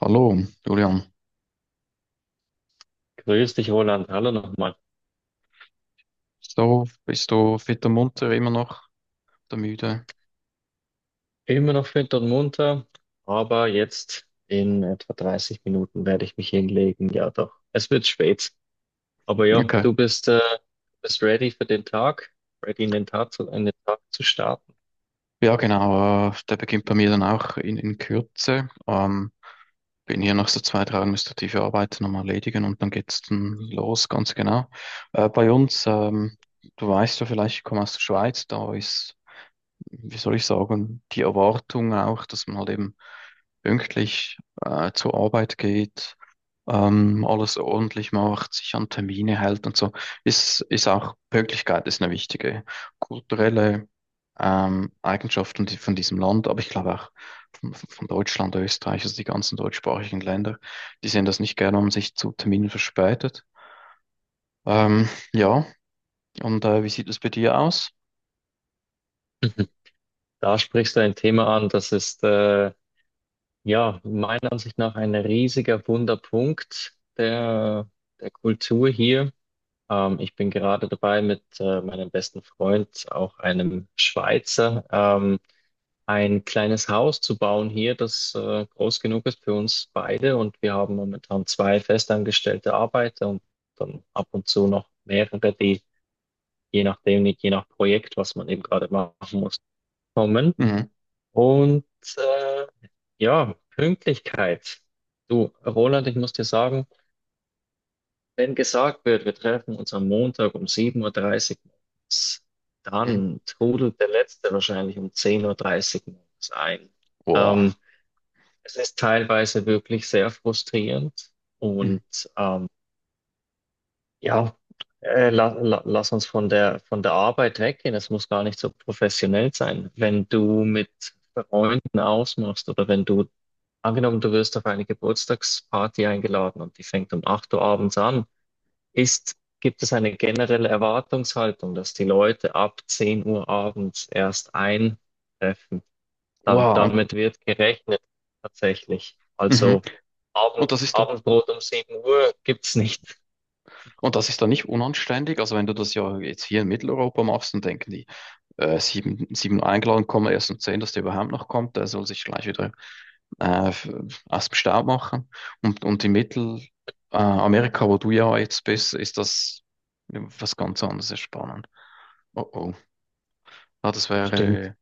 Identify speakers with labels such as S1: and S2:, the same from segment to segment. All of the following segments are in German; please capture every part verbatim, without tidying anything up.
S1: Hallo, Julian.
S2: Grüß dich, Roland. Hallo nochmal.
S1: So, bist du fit und munter, immer noch der müde?
S2: Immer noch fit und munter, aber jetzt in etwa dreißig Minuten werde ich mich hinlegen. Ja, doch. Es wird spät. Aber ja,
S1: Okay.
S2: du bist, äh, bist ready für den Tag, ready in den Tag zu, in den Tag zu starten.
S1: Ja, genau. Äh, der beginnt bei mir dann auch in, in Kürze. Ähm, bin hier noch so zwei, drei administrative Arbeiten nochmal erledigen und dann geht's dann los, ganz genau. Äh, bei uns, ähm, du weißt ja vielleicht, ich komme aus der Schweiz, da ist, wie soll ich sagen, die Erwartung auch, dass man halt eben pünktlich äh, zur Arbeit geht, ähm, alles ordentlich macht, sich an Termine hält und so, ist, ist auch Pünktlichkeit ist eine wichtige kulturelle ähm, Eigenschaft von, di- von diesem Land, aber ich glaube auch von, von Deutschland, Österreich, also die ganzen deutschsprachigen Länder, die sehen das nicht gerne, wenn man sich zu Terminen verspätet. Ähm, ja, und äh, Wie sieht es bei dir aus?
S2: Da sprichst du ein Thema an, das ist, äh, ja, meiner Ansicht nach ein riesiger Wunderpunkt der, der Kultur hier. Ähm, ich bin gerade dabei, mit äh, meinem besten Freund, auch einem Schweizer, ähm, ein kleines Haus zu bauen hier, das äh, groß genug ist für uns beide. Und wir haben momentan zwei festangestellte Arbeiter und dann ab und zu noch mehrere, die je nachdem, je nach Projekt, was man eben gerade machen muss, kommen.
S1: Mhm.
S2: Und äh, ja, Pünktlichkeit. Du, Roland, ich muss dir sagen, wenn gesagt wird, wir treffen uns am Montag um sieben Uhr dreißig morgens,
S1: Mhm.
S2: dann trudelt der Letzte wahrscheinlich um zehn Uhr dreißig morgens ein. Ähm,
S1: Boah.
S2: Es ist teilweise wirklich sehr frustrierend
S1: Mhm.
S2: und ähm, ja, äh, la, la, lass uns von der, von der Arbeit weggehen. Es muss gar nicht so professionell sein. Wenn du mit Freunden ausmachst oder wenn du, angenommen, du wirst auf eine Geburtstagsparty eingeladen und die fängt um acht Uhr abends an, ist, gibt es eine generelle Erwartungshaltung, dass die Leute ab zehn Uhr abends erst eintreffen. Da,
S1: Wow. Und,
S2: damit wird gerechnet tatsächlich.
S1: mhm.
S2: Also
S1: Und
S2: Abend,
S1: das ist da,
S2: Abendbrot um sieben Uhr gibt's nicht.
S1: und das ist da nicht unanständig. Also wenn du das ja jetzt hier in Mitteleuropa machst, dann denken die, äh, sieben, sieben eingeladen, kann man erst um zehn dass der überhaupt noch kommt. Der soll sich gleich wieder äh, f- aus dem Staub machen. Und, und in Mittelamerika, äh, Amerika, wo du ja jetzt bist, ist das was ganz anderes, ist spannend. Oh oh. Ja, das
S2: Stimmt.
S1: wäre,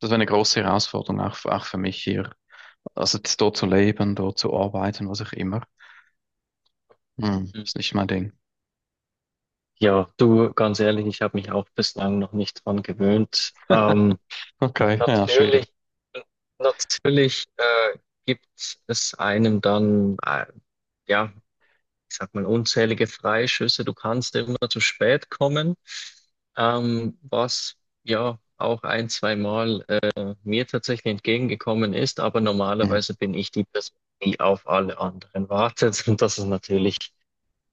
S1: das wäre eine große Herausforderung, auch, für- auch für mich hier. Also jetzt dort zu leben, dort zu arbeiten, was auch immer. Hm,
S2: Hm.
S1: ist nicht mein Ding.
S2: Ja, du, ganz ehrlich, ich habe mich auch bislang noch nicht dran gewöhnt. Ähm,
S1: Okay, ja, schwierig.
S2: natürlich, natürlich äh, gibt es einem dann, äh, ja. Ich sag mal, unzählige Freischüsse. Du kannst immer zu spät kommen, ähm, was ja auch ein, zweimal äh, mir tatsächlich entgegengekommen ist. Aber
S1: Hm,
S2: normalerweise bin ich die Person, die auf alle anderen wartet. Und das ist natürlich,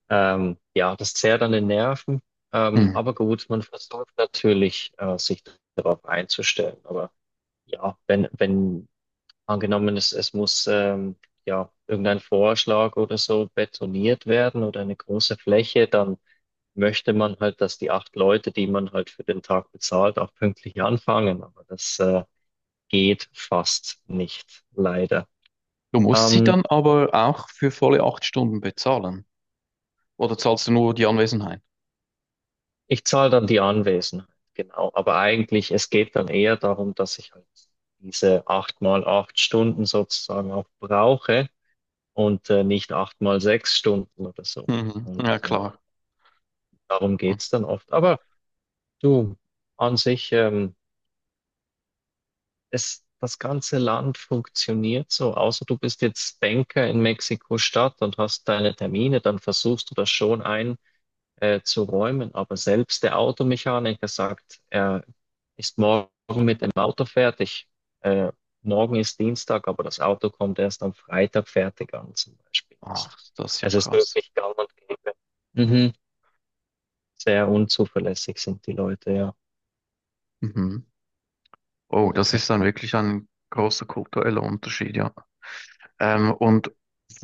S2: ähm, ja, das zehrt an den Nerven. Ähm,
S1: hm.
S2: aber gut, man versucht natürlich, äh, sich darauf einzustellen. Aber ja, wenn, wenn angenommen, es, es muss ähm, ja irgendein Vorschlag oder so betoniert werden oder eine große Fläche, dann möchte man halt, dass die acht Leute, die man halt für den Tag bezahlt, auch pünktlich anfangen. Aber das äh, geht fast nicht, leider.
S1: Du musst sie
S2: Ähm,
S1: dann aber auch für volle acht Stunden bezahlen. Oder zahlst du nur die Anwesenheit?
S2: Ich zahle dann die Anwesenheit, genau. Aber eigentlich, es geht dann eher darum, dass ich halt diese acht mal acht Stunden sozusagen auch brauche und äh, nicht acht mal sechs Stunden oder so.
S1: Mhm.
S2: Und
S1: Ja,
S2: äh,
S1: klar.
S2: darum geht's dann oft. Aber du, an sich, ähm, es, das ganze Land funktioniert so, außer du bist jetzt Banker in Mexiko-Stadt und hast deine Termine, dann versuchst du das schon ein, äh, zu räumen. Aber selbst der Automechaniker sagt, er ist morgen mit dem Auto fertig. Äh, morgen ist Dienstag, aber das Auto kommt erst am Freitag fertig an, zum Beispiel. Es
S1: Ach, das ist ja
S2: es ist
S1: krass.
S2: wirklich gang und gäbe. Mhm. Sehr unzuverlässig sind die Leute, ja.
S1: Mhm. Oh, das ist dann
S2: Genau.
S1: wirklich ein großer kultureller Unterschied, ja. Ähm, und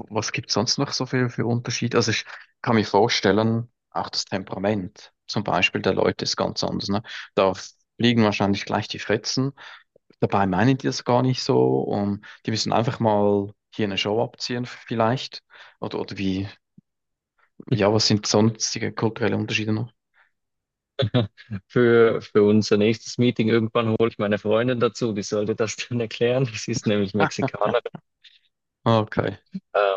S1: Was gibt es sonst noch so viel für Unterschiede? Also ich kann mir vorstellen, auch das Temperament zum Beispiel der Leute ist ganz anders, ne? Da fliegen wahrscheinlich gleich die Fetzen. Dabei meinen die das gar nicht so. Und die müssen einfach mal hier eine Show abziehen vielleicht. Oder, oder wie, ja, was sind sonstige kulturelle Unterschiede noch?
S2: Für, für unser nächstes Meeting irgendwann hole ich meine Freundin dazu, die sollte das dann erklären. Sie ist nämlich Mexikanerin.
S1: Okay.
S2: Äh,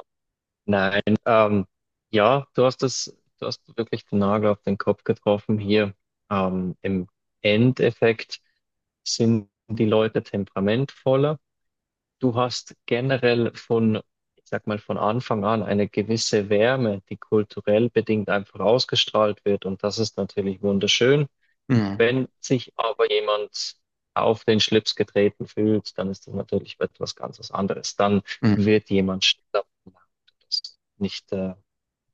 S2: nein, ähm, ja, du hast das, du hast wirklich den Nagel auf den Kopf getroffen hier. Ähm, im Endeffekt sind die Leute temperamentvoller. Du hast generell von, ich sag mal, von Anfang an eine gewisse Wärme, die kulturell bedingt einfach ausgestrahlt wird. Und das ist natürlich wunderschön.
S1: Mhm.
S2: Wenn sich aber jemand auf den Schlips getreten fühlt, dann ist das natürlich etwas ganz anderes. Dann
S1: Mhm.
S2: wird jemand schneller. Das ist nicht, äh,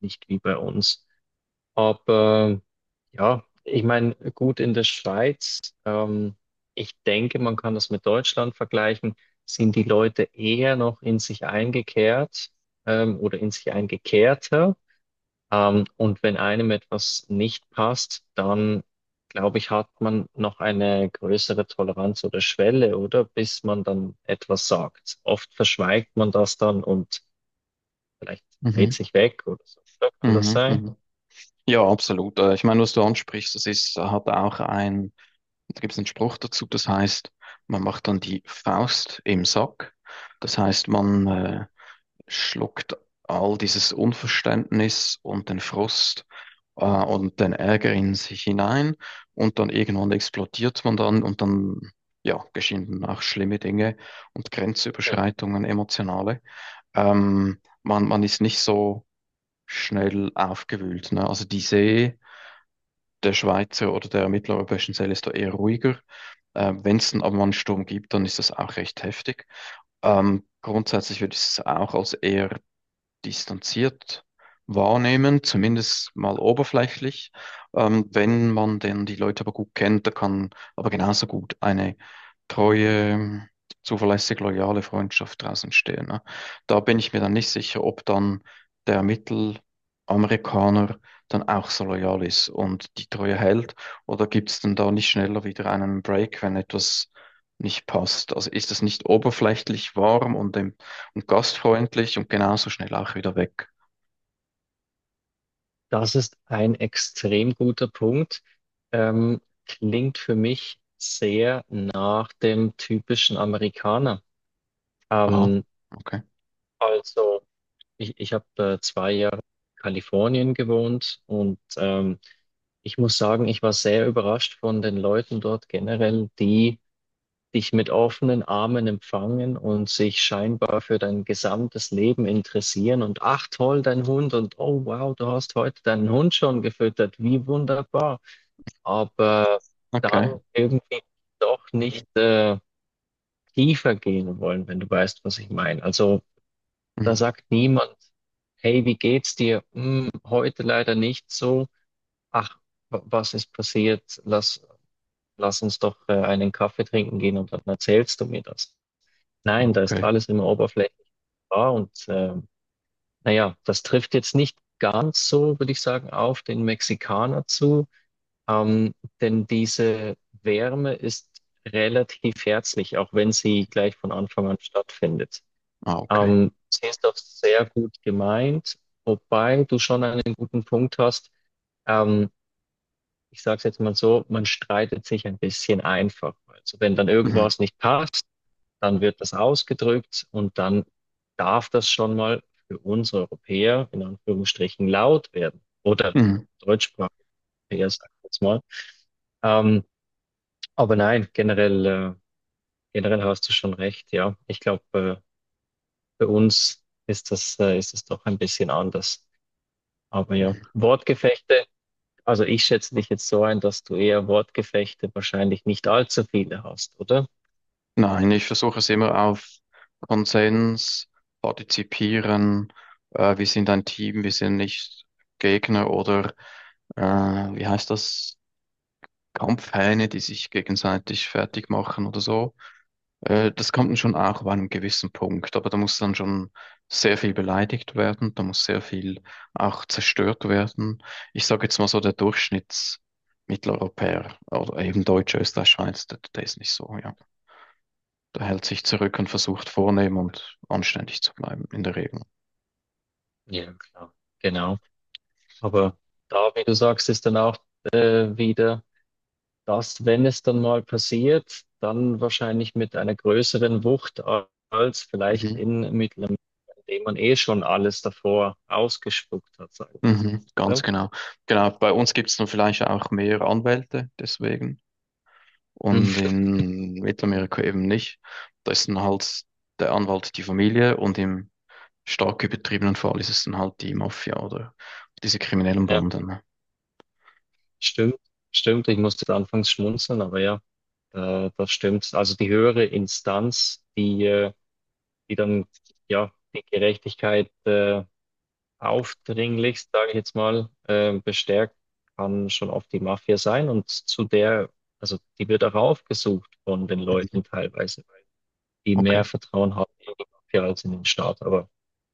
S2: nicht wie bei uns. Aber ja, ich meine, gut in der Schweiz, ähm, ich denke, man kann das mit Deutschland vergleichen, sind die Leute eher noch in sich eingekehrt, ähm, oder in sich eingekehrter. Ähm, und wenn einem etwas nicht passt, dann glaube ich, hat man noch eine größere Toleranz oder Schwelle, oder? Bis man dann etwas sagt. Oft verschweigt man das dann und vielleicht
S1: Mhm.
S2: dreht sich weg oder so. Oder kann das
S1: Mhm.
S2: sein?
S1: Mhm. Ja, absolut. Äh, Ich meine, was du ansprichst, das ist, hat auch ein, da gibt es einen Spruch dazu, das heißt, man macht dann die Faust im Sack. Das heißt, man äh, schluckt all dieses Unverständnis und den Frust äh, und den Ärger in sich hinein und dann irgendwann explodiert man dann und dann, ja, geschehen dann auch schlimme Dinge und
S2: Mhm.
S1: Grenzüberschreitungen, emotionale. Ähm, man, man ist nicht so schnell aufgewühlt. Ne? Also die See der Schweizer oder der mitteleuropäischen See ist da eher ruhiger. Ähm, Wenn es dann aber mal einen Sturm gibt, dann ist das auch recht heftig. Ähm, grundsätzlich würde ich es auch als eher distanziert wahrnehmen, zumindest mal oberflächlich. Ähm, wenn man denn die Leute aber gut kennt, da kann aber genauso gut eine treue, zuverlässig loyale Freundschaft draus entstehen. Ne? Da bin ich mir dann nicht sicher, ob dann der Mittelamerikaner dann auch so loyal ist und die Treue hält oder gibt es denn da nicht schneller wieder einen Break, wenn etwas nicht passt? Also ist das nicht oberflächlich warm und dem und gastfreundlich und genauso schnell auch wieder weg.
S2: Das ist ein extrem guter Punkt. Ähm, klingt für mich sehr nach dem typischen Amerikaner.
S1: Aha,
S2: Ähm,
S1: okay,
S2: also, ich, ich habe äh, zwei Jahre in Kalifornien gewohnt und ähm, Ich muss sagen, ich war sehr überrascht von den Leuten dort generell, die dich mit offenen Armen empfangen und sich scheinbar für dein gesamtes Leben interessieren. Und ach toll, dein Hund und oh wow, du hast heute deinen Hund schon gefüttert, wie wunderbar. Aber
S1: okay,
S2: dann irgendwie doch nicht äh, tiefer gehen wollen, wenn du weißt, was ich meine. Also da
S1: mhm.
S2: sagt niemand, hey, wie geht's dir? Hm, heute leider nicht so. Ach, wa- was ist passiert? Lass lass uns doch äh, einen Kaffee trinken gehen und dann erzählst du mir das.
S1: Ah,
S2: Nein, da ist
S1: okay,
S2: alles immer oberflächlich wahr und ähm, naja, das trifft jetzt nicht ganz so, würde ich sagen, auf den Mexikaner zu, ähm, denn diese Wärme ist relativ herzlich, auch wenn sie gleich von Anfang an stattfindet.
S1: ah, okay.
S2: Ähm, sie ist auch sehr gut gemeint, wobei du schon einen guten Punkt hast. Ähm, Ich sage es jetzt mal so, man streitet sich ein bisschen einfach. Also wenn dann
S1: Mhm.
S2: irgendwas nicht passt, dann wird das ausgedrückt und dann darf das schon mal für uns Europäer in Anführungsstrichen laut werden. Oder
S1: Mhm.
S2: deutschsprachige Europäer, sag ich jetzt mal. Ähm, aber nein, generell, äh, generell hast du schon recht, ja. Ich glaube, äh, bei uns ist das, äh, ist das doch ein bisschen anders. Aber ja,
S1: Mhm.
S2: Wortgefechte. Also ich schätze dich jetzt so ein, dass du eher Wortgefechte wahrscheinlich nicht allzu viele hast, oder?
S1: Nein, ich versuche es immer auf Konsens, partizipieren, äh, wir sind ein Team, wir sind nicht Gegner oder äh, wie heißt das? Kampfhähne, die sich gegenseitig fertig machen oder so. Äh, das kommt dann schon auch bei einem gewissen Punkt, aber da muss dann schon sehr viel beleidigt werden, da muss sehr viel auch zerstört werden. Ich sage jetzt mal so, der Durchschnittsmitteleuropäer oder eben Deutsche, Österreich, Schweiz, der, der ist nicht so, ja. Der
S2: Ja,
S1: hält sich zurück und versucht vornehm und anständig zu bleiben, in der Regel.
S2: ja, klar. Genau. Aber da, wie du sagst, ist dann auch äh, wieder das, wenn es dann mal passiert, dann wahrscheinlich mit einer größeren Wucht a- als vielleicht
S1: Mhm.
S2: in Mittelmeer, in dem man eh schon alles davor ausgespuckt hat, sagen
S1: Mhm,
S2: wir
S1: ganz
S2: mal
S1: genau. Genau, bei uns gibt es dann vielleicht auch mehr Anwälte deswegen
S2: so,
S1: und
S2: oder?
S1: in Mittelamerika eben nicht. Da ist dann halt der Anwalt die Familie und im stark übertrieben und vor allem ist es dann halt die Mafia oder diese kriminellen
S2: Ja,
S1: Banden, ne?
S2: stimmt, stimmt. Ich musste anfangs schmunzeln, aber ja, äh, das stimmt. Also die höhere Instanz, die äh, die dann ja die Gerechtigkeit äh, aufdringlichst, sage ich jetzt mal, äh, bestärkt, kann schon oft die Mafia sein und zu der, also die wird auch aufgesucht von den
S1: Mhm.
S2: Leuten teilweise, weil die mehr
S1: Okay,
S2: Vertrauen haben in die Mafia als in den Staat. Aber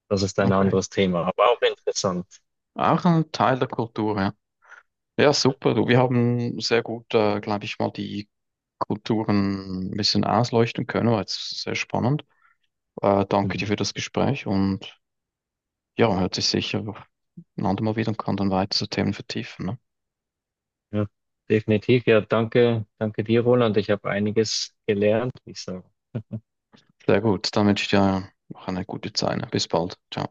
S2: das ist ein
S1: okay.
S2: anderes Thema, aber auch interessant.
S1: Auch ein Teil der Kultur, ja. Ja, super. Du, wir haben sehr gut, äh, glaube ich, mal die Kulturen ein bisschen ausleuchten können. War jetzt sehr spannend. Äh, danke dir
S2: Mhm.
S1: für das Gespräch und ja, hört sich sicher ein andermal wieder und kann dann weitere Themen vertiefen. Ne?
S2: Ja, definitiv. Ja, danke, danke dir, Roland. Ich habe einiges gelernt, wie ich sage.
S1: Sehr gut. Dann wünsche ich dir noch eine gute Zeit. Ne? Bis bald. Ciao.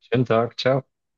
S2: Schönen Tag, ciao.